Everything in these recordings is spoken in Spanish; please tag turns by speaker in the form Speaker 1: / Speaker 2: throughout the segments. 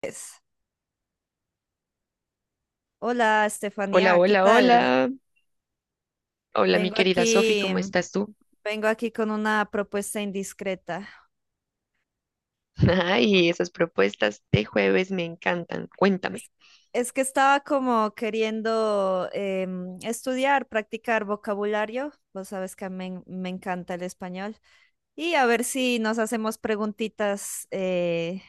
Speaker 1: Pues, Hola,
Speaker 2: Hola,
Speaker 1: Estefanía, ¿qué
Speaker 2: hola,
Speaker 1: tal?
Speaker 2: hola. Hola, mi
Speaker 1: Vengo
Speaker 2: querida Sofi,
Speaker 1: aquí,
Speaker 2: ¿cómo estás tú?
Speaker 1: vengo aquí con una propuesta indiscreta.
Speaker 2: Ay, esas propuestas de jueves me encantan. Cuéntame.
Speaker 1: Es, es que estaba como queriendo estudiar, practicar vocabulario. Vos sabes que me encanta el español. Y a ver si nos hacemos preguntitas,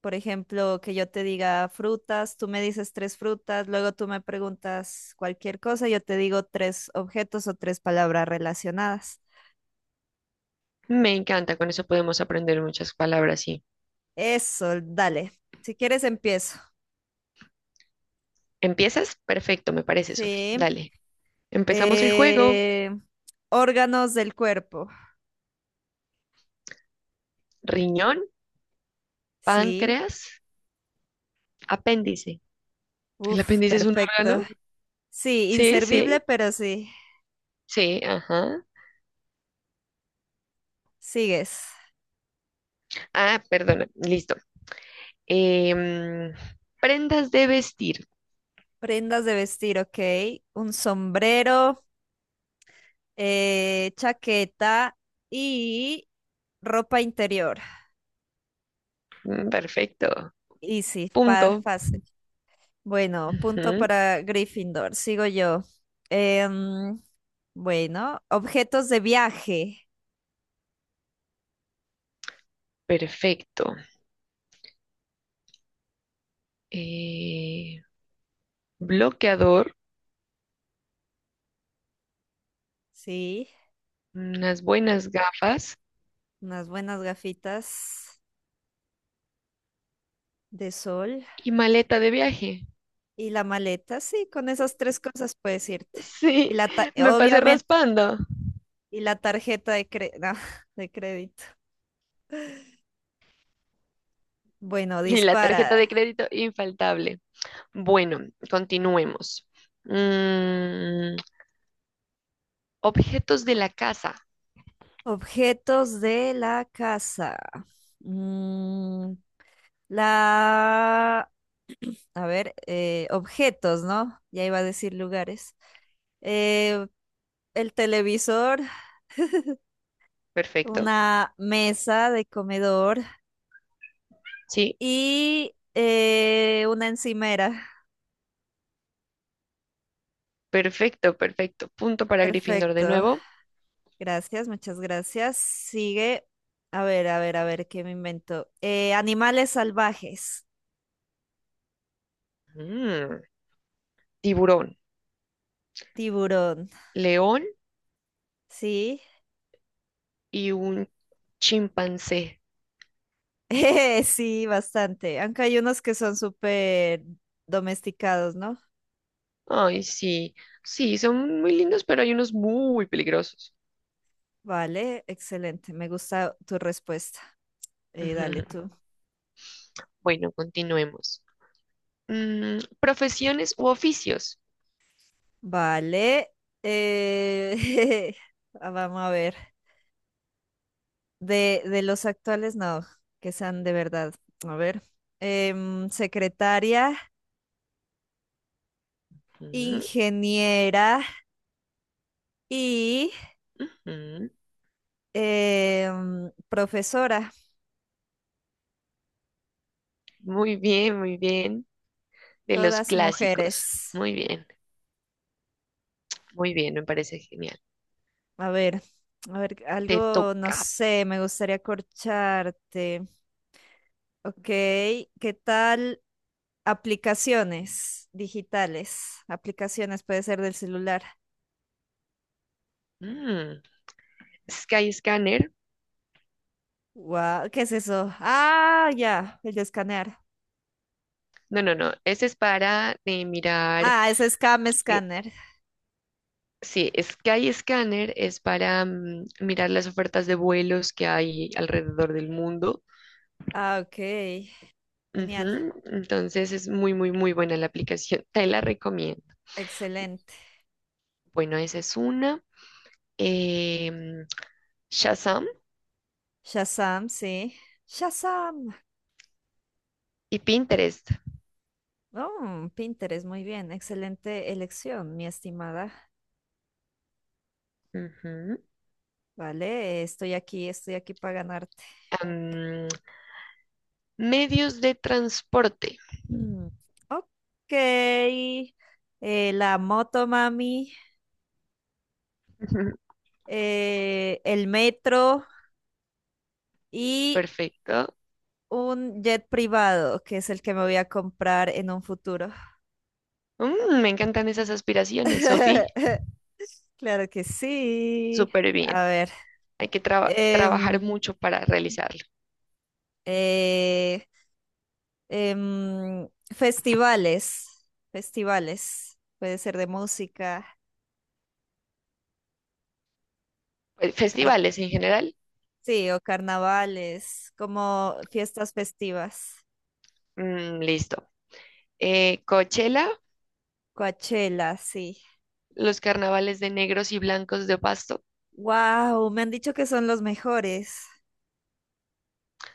Speaker 1: por ejemplo, que yo te diga frutas, tú me dices tres frutas, luego tú me preguntas cualquier cosa, yo te digo tres objetos o tres palabras relacionadas.
Speaker 2: Me encanta, con eso podemos aprender muchas palabras, sí.
Speaker 1: Eso, dale. Si quieres, empiezo.
Speaker 2: ¿Empiezas? Perfecto, me parece, Sofi.
Speaker 1: Sí.
Speaker 2: Dale. Empezamos el juego.
Speaker 1: Eh, órganos del cuerpo.
Speaker 2: Riñón,
Speaker 1: Sí.
Speaker 2: páncreas, apéndice. ¿El
Speaker 1: Uf,
Speaker 2: apéndice es un
Speaker 1: perfecto.
Speaker 2: órgano?
Speaker 1: Sí,
Speaker 2: Sí,
Speaker 1: inservible,
Speaker 2: sí,
Speaker 1: pero sí.
Speaker 2: sí, ajá.
Speaker 1: Sigues.
Speaker 2: Ah, perdona, listo. Em, Prendas de vestir.
Speaker 1: Prendas de vestir, ok. Un sombrero, chaqueta y ropa interior.
Speaker 2: Perfecto.
Speaker 1: Easy,
Speaker 2: Punto.
Speaker 1: fácil. Bueno, punto
Speaker 2: Ujú.
Speaker 1: para Gryffindor. Sigo yo. Em, bueno, objetos de viaje.
Speaker 2: Perfecto. eh, Bloqueador,
Speaker 1: Sí,
Speaker 2: unas buenas gafas
Speaker 1: unas buenas gafitas de sol
Speaker 2: y maleta de viaje.
Speaker 1: y la maleta, sí, con esas tres cosas puedes irte. Y
Speaker 2: Sí,
Speaker 1: la ta-
Speaker 2: me pasé
Speaker 1: obviamente,
Speaker 2: raspando.
Speaker 1: y la tarjeta de no, de crédito. Bueno,
Speaker 2: Y la tarjeta de
Speaker 1: dispara.
Speaker 2: crédito infaltable. Bueno, continuemos. Mm, Objetos de la casa.
Speaker 1: Objetos de la casa. Mm, la, a ver, objetos, ¿no? Ya iba a decir lugares. Eh, el televisor,
Speaker 2: Perfecto.
Speaker 1: una mesa de comedor.
Speaker 2: Sí,
Speaker 1: Y una encimera.
Speaker 2: perfecto, perfecto. Punto para Gryffindor de
Speaker 1: Perfecto.
Speaker 2: nuevo.
Speaker 1: Gracias, muchas gracias. Sigue. A ver, a ver, a ver, ¿qué me invento? Animales salvajes.
Speaker 2: Mm, Tiburón,
Speaker 1: Tiburón.
Speaker 2: león
Speaker 1: Sí.
Speaker 2: y un chimpancé.
Speaker 1: Sí, bastante. Aunque hay unos que son súper domesticados, ¿no?
Speaker 2: Ay, sí, sí, son muy lindos, pero hay unos muy peligrosos.
Speaker 1: Vale, excelente. Me gusta tu respuesta. Dale
Speaker 2: Ujú.
Speaker 1: tú.
Speaker 2: Bueno, continuemos. Profesiones u oficios.
Speaker 1: Vale. eh, Vamos a ver. De los actuales, no, que sean de verdad. A ver. Secretaria,
Speaker 2: Ujú,
Speaker 1: ingeniera y
Speaker 2: ujú.
Speaker 1: profesora,
Speaker 2: Muy bien, muy bien. De los
Speaker 1: todas
Speaker 2: clásicos.
Speaker 1: mujeres.
Speaker 2: Muy bien, muy bien, me parece genial.
Speaker 1: A ver, a ver,
Speaker 2: Te
Speaker 1: algo, no
Speaker 2: toca.
Speaker 1: sé, me gustaría corcharte. Ok, ¿qué tal aplicaciones digitales? Aplicaciones puede ser del celular.
Speaker 2: Mm, Sky Scanner.
Speaker 1: Guau, ¿qué es eso? Ah, ya, el de escanear.
Speaker 2: No, no, no. Ese es para mirar.
Speaker 1: Ah, es Scam
Speaker 2: eh,
Speaker 1: Scanner.
Speaker 2: sí, Sky Scanner es para mirar las ofertas de vuelos que hay alrededor del mundo.
Speaker 1: Ah, ok. Genial.
Speaker 2: Ujú. Entonces es muy, muy, muy buena la aplicación. Te la recomiendo.
Speaker 1: Excelente.
Speaker 2: Bueno, esa es una. Em, Shazam
Speaker 1: Shazam, sí. Shazam.
Speaker 2: y Pinterest.
Speaker 1: Oh, Pinterest, muy bien. Excelente elección, mi estimada.
Speaker 2: Ujú.
Speaker 1: Vale, estoy aquí para ganarte.
Speaker 2: Am, Medios de transporte.
Speaker 1: Mm, ok. La moto, mami.
Speaker 2: Ujú.
Speaker 1: El metro y
Speaker 2: Perfecto.
Speaker 1: un jet privado, que es el que me voy a comprar en un futuro.
Speaker 2: Mm, me encantan esas aspiraciones, Sofi.
Speaker 1: Claro que sí.
Speaker 2: Súper bien.
Speaker 1: A ver,
Speaker 2: Hay que trabajar
Speaker 1: em,
Speaker 2: mucho para realizarlo.
Speaker 1: eh, em, festivales, festivales, puede ser de música, car-
Speaker 2: Festivales en general.
Speaker 1: sí, o carnavales, como fiestas festivas,
Speaker 2: Mm, listo. Coachella,
Speaker 1: Coachella, sí.
Speaker 2: los carnavales de negros y blancos de Pasto
Speaker 1: Wow, me han dicho que son los mejores,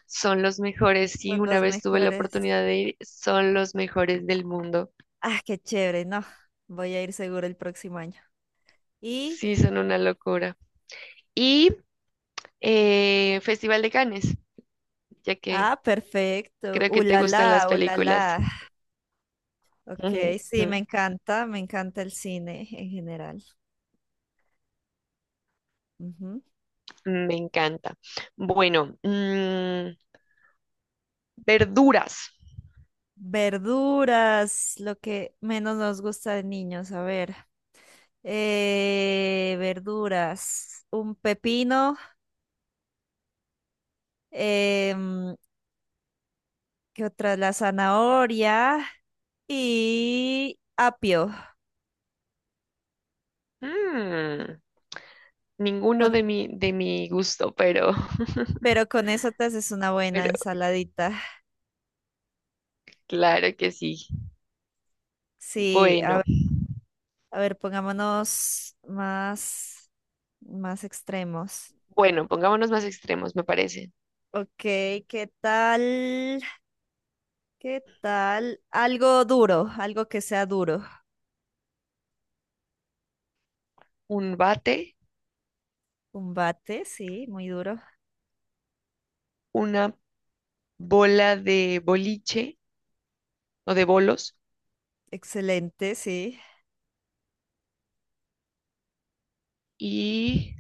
Speaker 2: son los mejores. Sí,
Speaker 1: son
Speaker 2: una
Speaker 1: los
Speaker 2: vez tuve la
Speaker 1: mejores.
Speaker 2: oportunidad de ir, son los mejores del mundo.
Speaker 1: Ah, qué chévere, no, voy a ir seguro el próximo año. Y,
Speaker 2: Sí, son una locura. Y Festival de Cannes, ya que
Speaker 1: ah, perfecto,
Speaker 2: creo que te gustan las
Speaker 1: ulala,
Speaker 2: películas.
Speaker 1: ulala. Ok,
Speaker 2: Ujú,
Speaker 1: sí,
Speaker 2: ujú.
Speaker 1: me encanta el cine en general. Ujú.
Speaker 2: Me encanta. Bueno, verduras.
Speaker 1: Verduras, lo que menos nos gusta de niños, a ver. Verduras, un pepino, em, ¿qué otra? La zanahoria y apio.
Speaker 2: Mm, ninguno
Speaker 1: Con-
Speaker 2: de mi gusto, pero,
Speaker 1: pero con eso te haces una buena
Speaker 2: pero
Speaker 1: ensaladita.
Speaker 2: claro que sí.
Speaker 1: Sí,
Speaker 2: Bueno,
Speaker 1: a ver, más extremos.
Speaker 2: bueno, pongámonos más extremos, me parece.
Speaker 1: Ok, ¿qué tal? ¿Qué tal? Algo duro, algo que sea duro.
Speaker 2: Un bate,
Speaker 1: Combate, sí, muy duro.
Speaker 2: una bola de boliche o de bolos
Speaker 1: Excelente, sí.
Speaker 2: y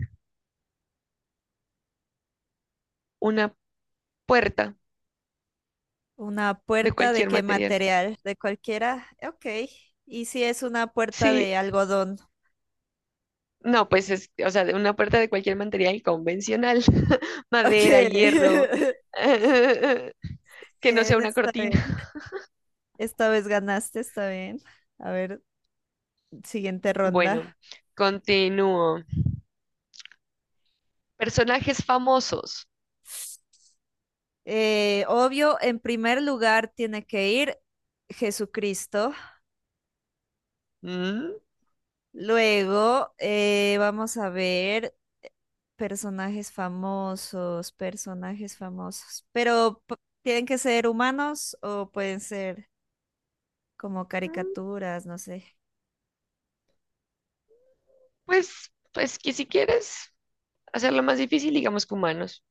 Speaker 2: una puerta
Speaker 1: Una
Speaker 2: de
Speaker 1: puerta de
Speaker 2: cualquier
Speaker 1: qué
Speaker 2: material.
Speaker 1: material, de cualquiera. Ok. ¿Y si es una puerta de
Speaker 2: Sí.
Speaker 1: algodón?
Speaker 2: No, pues es, o sea, de una puerta de cualquier material convencional,
Speaker 1: Ok.
Speaker 2: madera, hierro, que no sea
Speaker 1: Bien,
Speaker 2: una
Speaker 1: está
Speaker 2: cortina.
Speaker 1: bien. Esta vez ganaste, está bien. A ver, siguiente
Speaker 2: Bueno,
Speaker 1: ronda.
Speaker 2: continúo. Personajes famosos.
Speaker 1: Obvio, en primer lugar tiene que ir Jesucristo.
Speaker 2: Mm,
Speaker 1: Luego, vamos a ver personajes famosos. ¿Tienen que ser humanos o pueden ser como
Speaker 2: mm,
Speaker 1: caricaturas? No sé.
Speaker 2: pues, pues que si quieres hacerlo más difícil, digamos que humanos,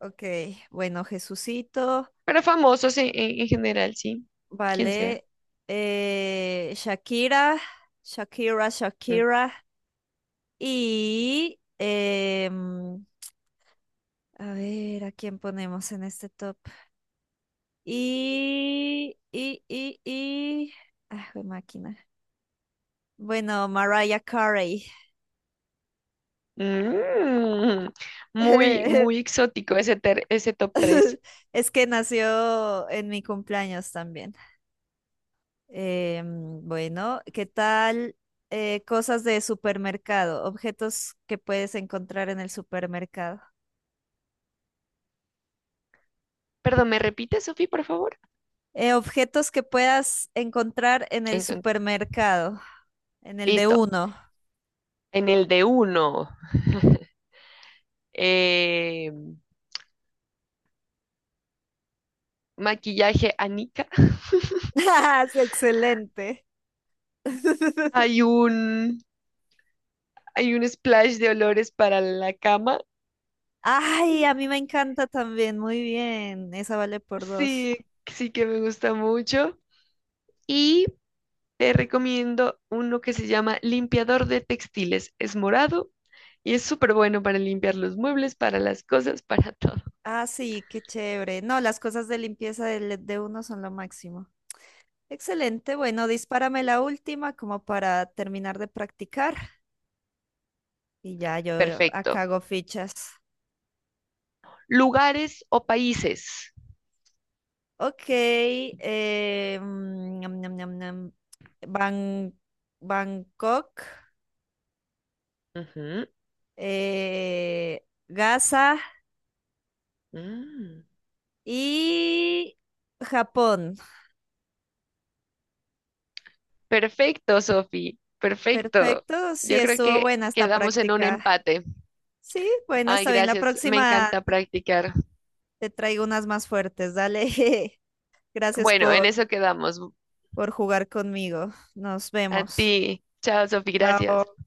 Speaker 1: Ok, bueno, Jesucito,
Speaker 2: pero famosos en, en general, sí, quien sea.
Speaker 1: vale. Shakira, Shakira,
Speaker 2: Mm.
Speaker 1: Shakira. Y, a ver, ¿a quién ponemos en este top? Y, y, y, y. Ah, jue máquina. Bueno, Mariah Carey.
Speaker 2: Mm, muy, muy exótico ese, ese top 3.
Speaker 1: Es que nació en mi cumpleaños también. Bueno, ¿qué tal? Cosas de supermercado, objetos que puedes encontrar en el supermercado.
Speaker 2: Perdón, ¿me repites, Sofi, por favor?
Speaker 1: Objetos que puedas encontrar en el
Speaker 2: Entonces,
Speaker 1: supermercado, en el de
Speaker 2: listo.
Speaker 1: uno.
Speaker 2: En el de uno, eh, maquillaje Anika.
Speaker 1: ¡Ah, es excelente!
Speaker 2: Hay un, Hay un splash de olores para la cama.
Speaker 1: Ay, a mí me encanta también, muy bien, esa vale por dos.
Speaker 2: Sí, sí que me gusta mucho. Y te recomiendo uno que se llama limpiador de textiles. Es morado y es súper bueno para limpiar los muebles, para las cosas, para todo.
Speaker 1: Ah, sí, qué chévere. No, las cosas de limpieza de uno son lo máximo. Excelente, bueno, dispárame la última como para terminar de practicar y ya yo
Speaker 2: Perfecto.
Speaker 1: acá hago fichas.
Speaker 2: Lugares o países.
Speaker 1: Ok, ñam, ñam, ñam, ñam. Ban- Bangkok,
Speaker 2: Ujú,
Speaker 1: Gaza
Speaker 2: mm.
Speaker 1: y Japón.
Speaker 2: Perfecto, Sofi, perfecto.
Speaker 1: Perfecto, sí,
Speaker 2: Yo creo
Speaker 1: estuvo
Speaker 2: que
Speaker 1: buena esta
Speaker 2: quedamos en un
Speaker 1: práctica.
Speaker 2: empate.
Speaker 1: Sí, bueno,
Speaker 2: Ay,
Speaker 1: está bien. La
Speaker 2: gracias, me
Speaker 1: próxima
Speaker 2: encanta practicar.
Speaker 1: te traigo unas más fuertes. Dale. Gracias
Speaker 2: Bueno, en
Speaker 1: por,
Speaker 2: eso quedamos.
Speaker 1: por jugar conmigo. Nos
Speaker 2: A
Speaker 1: vemos.
Speaker 2: ti. Chao, Sofi, gracias.
Speaker 1: Chao.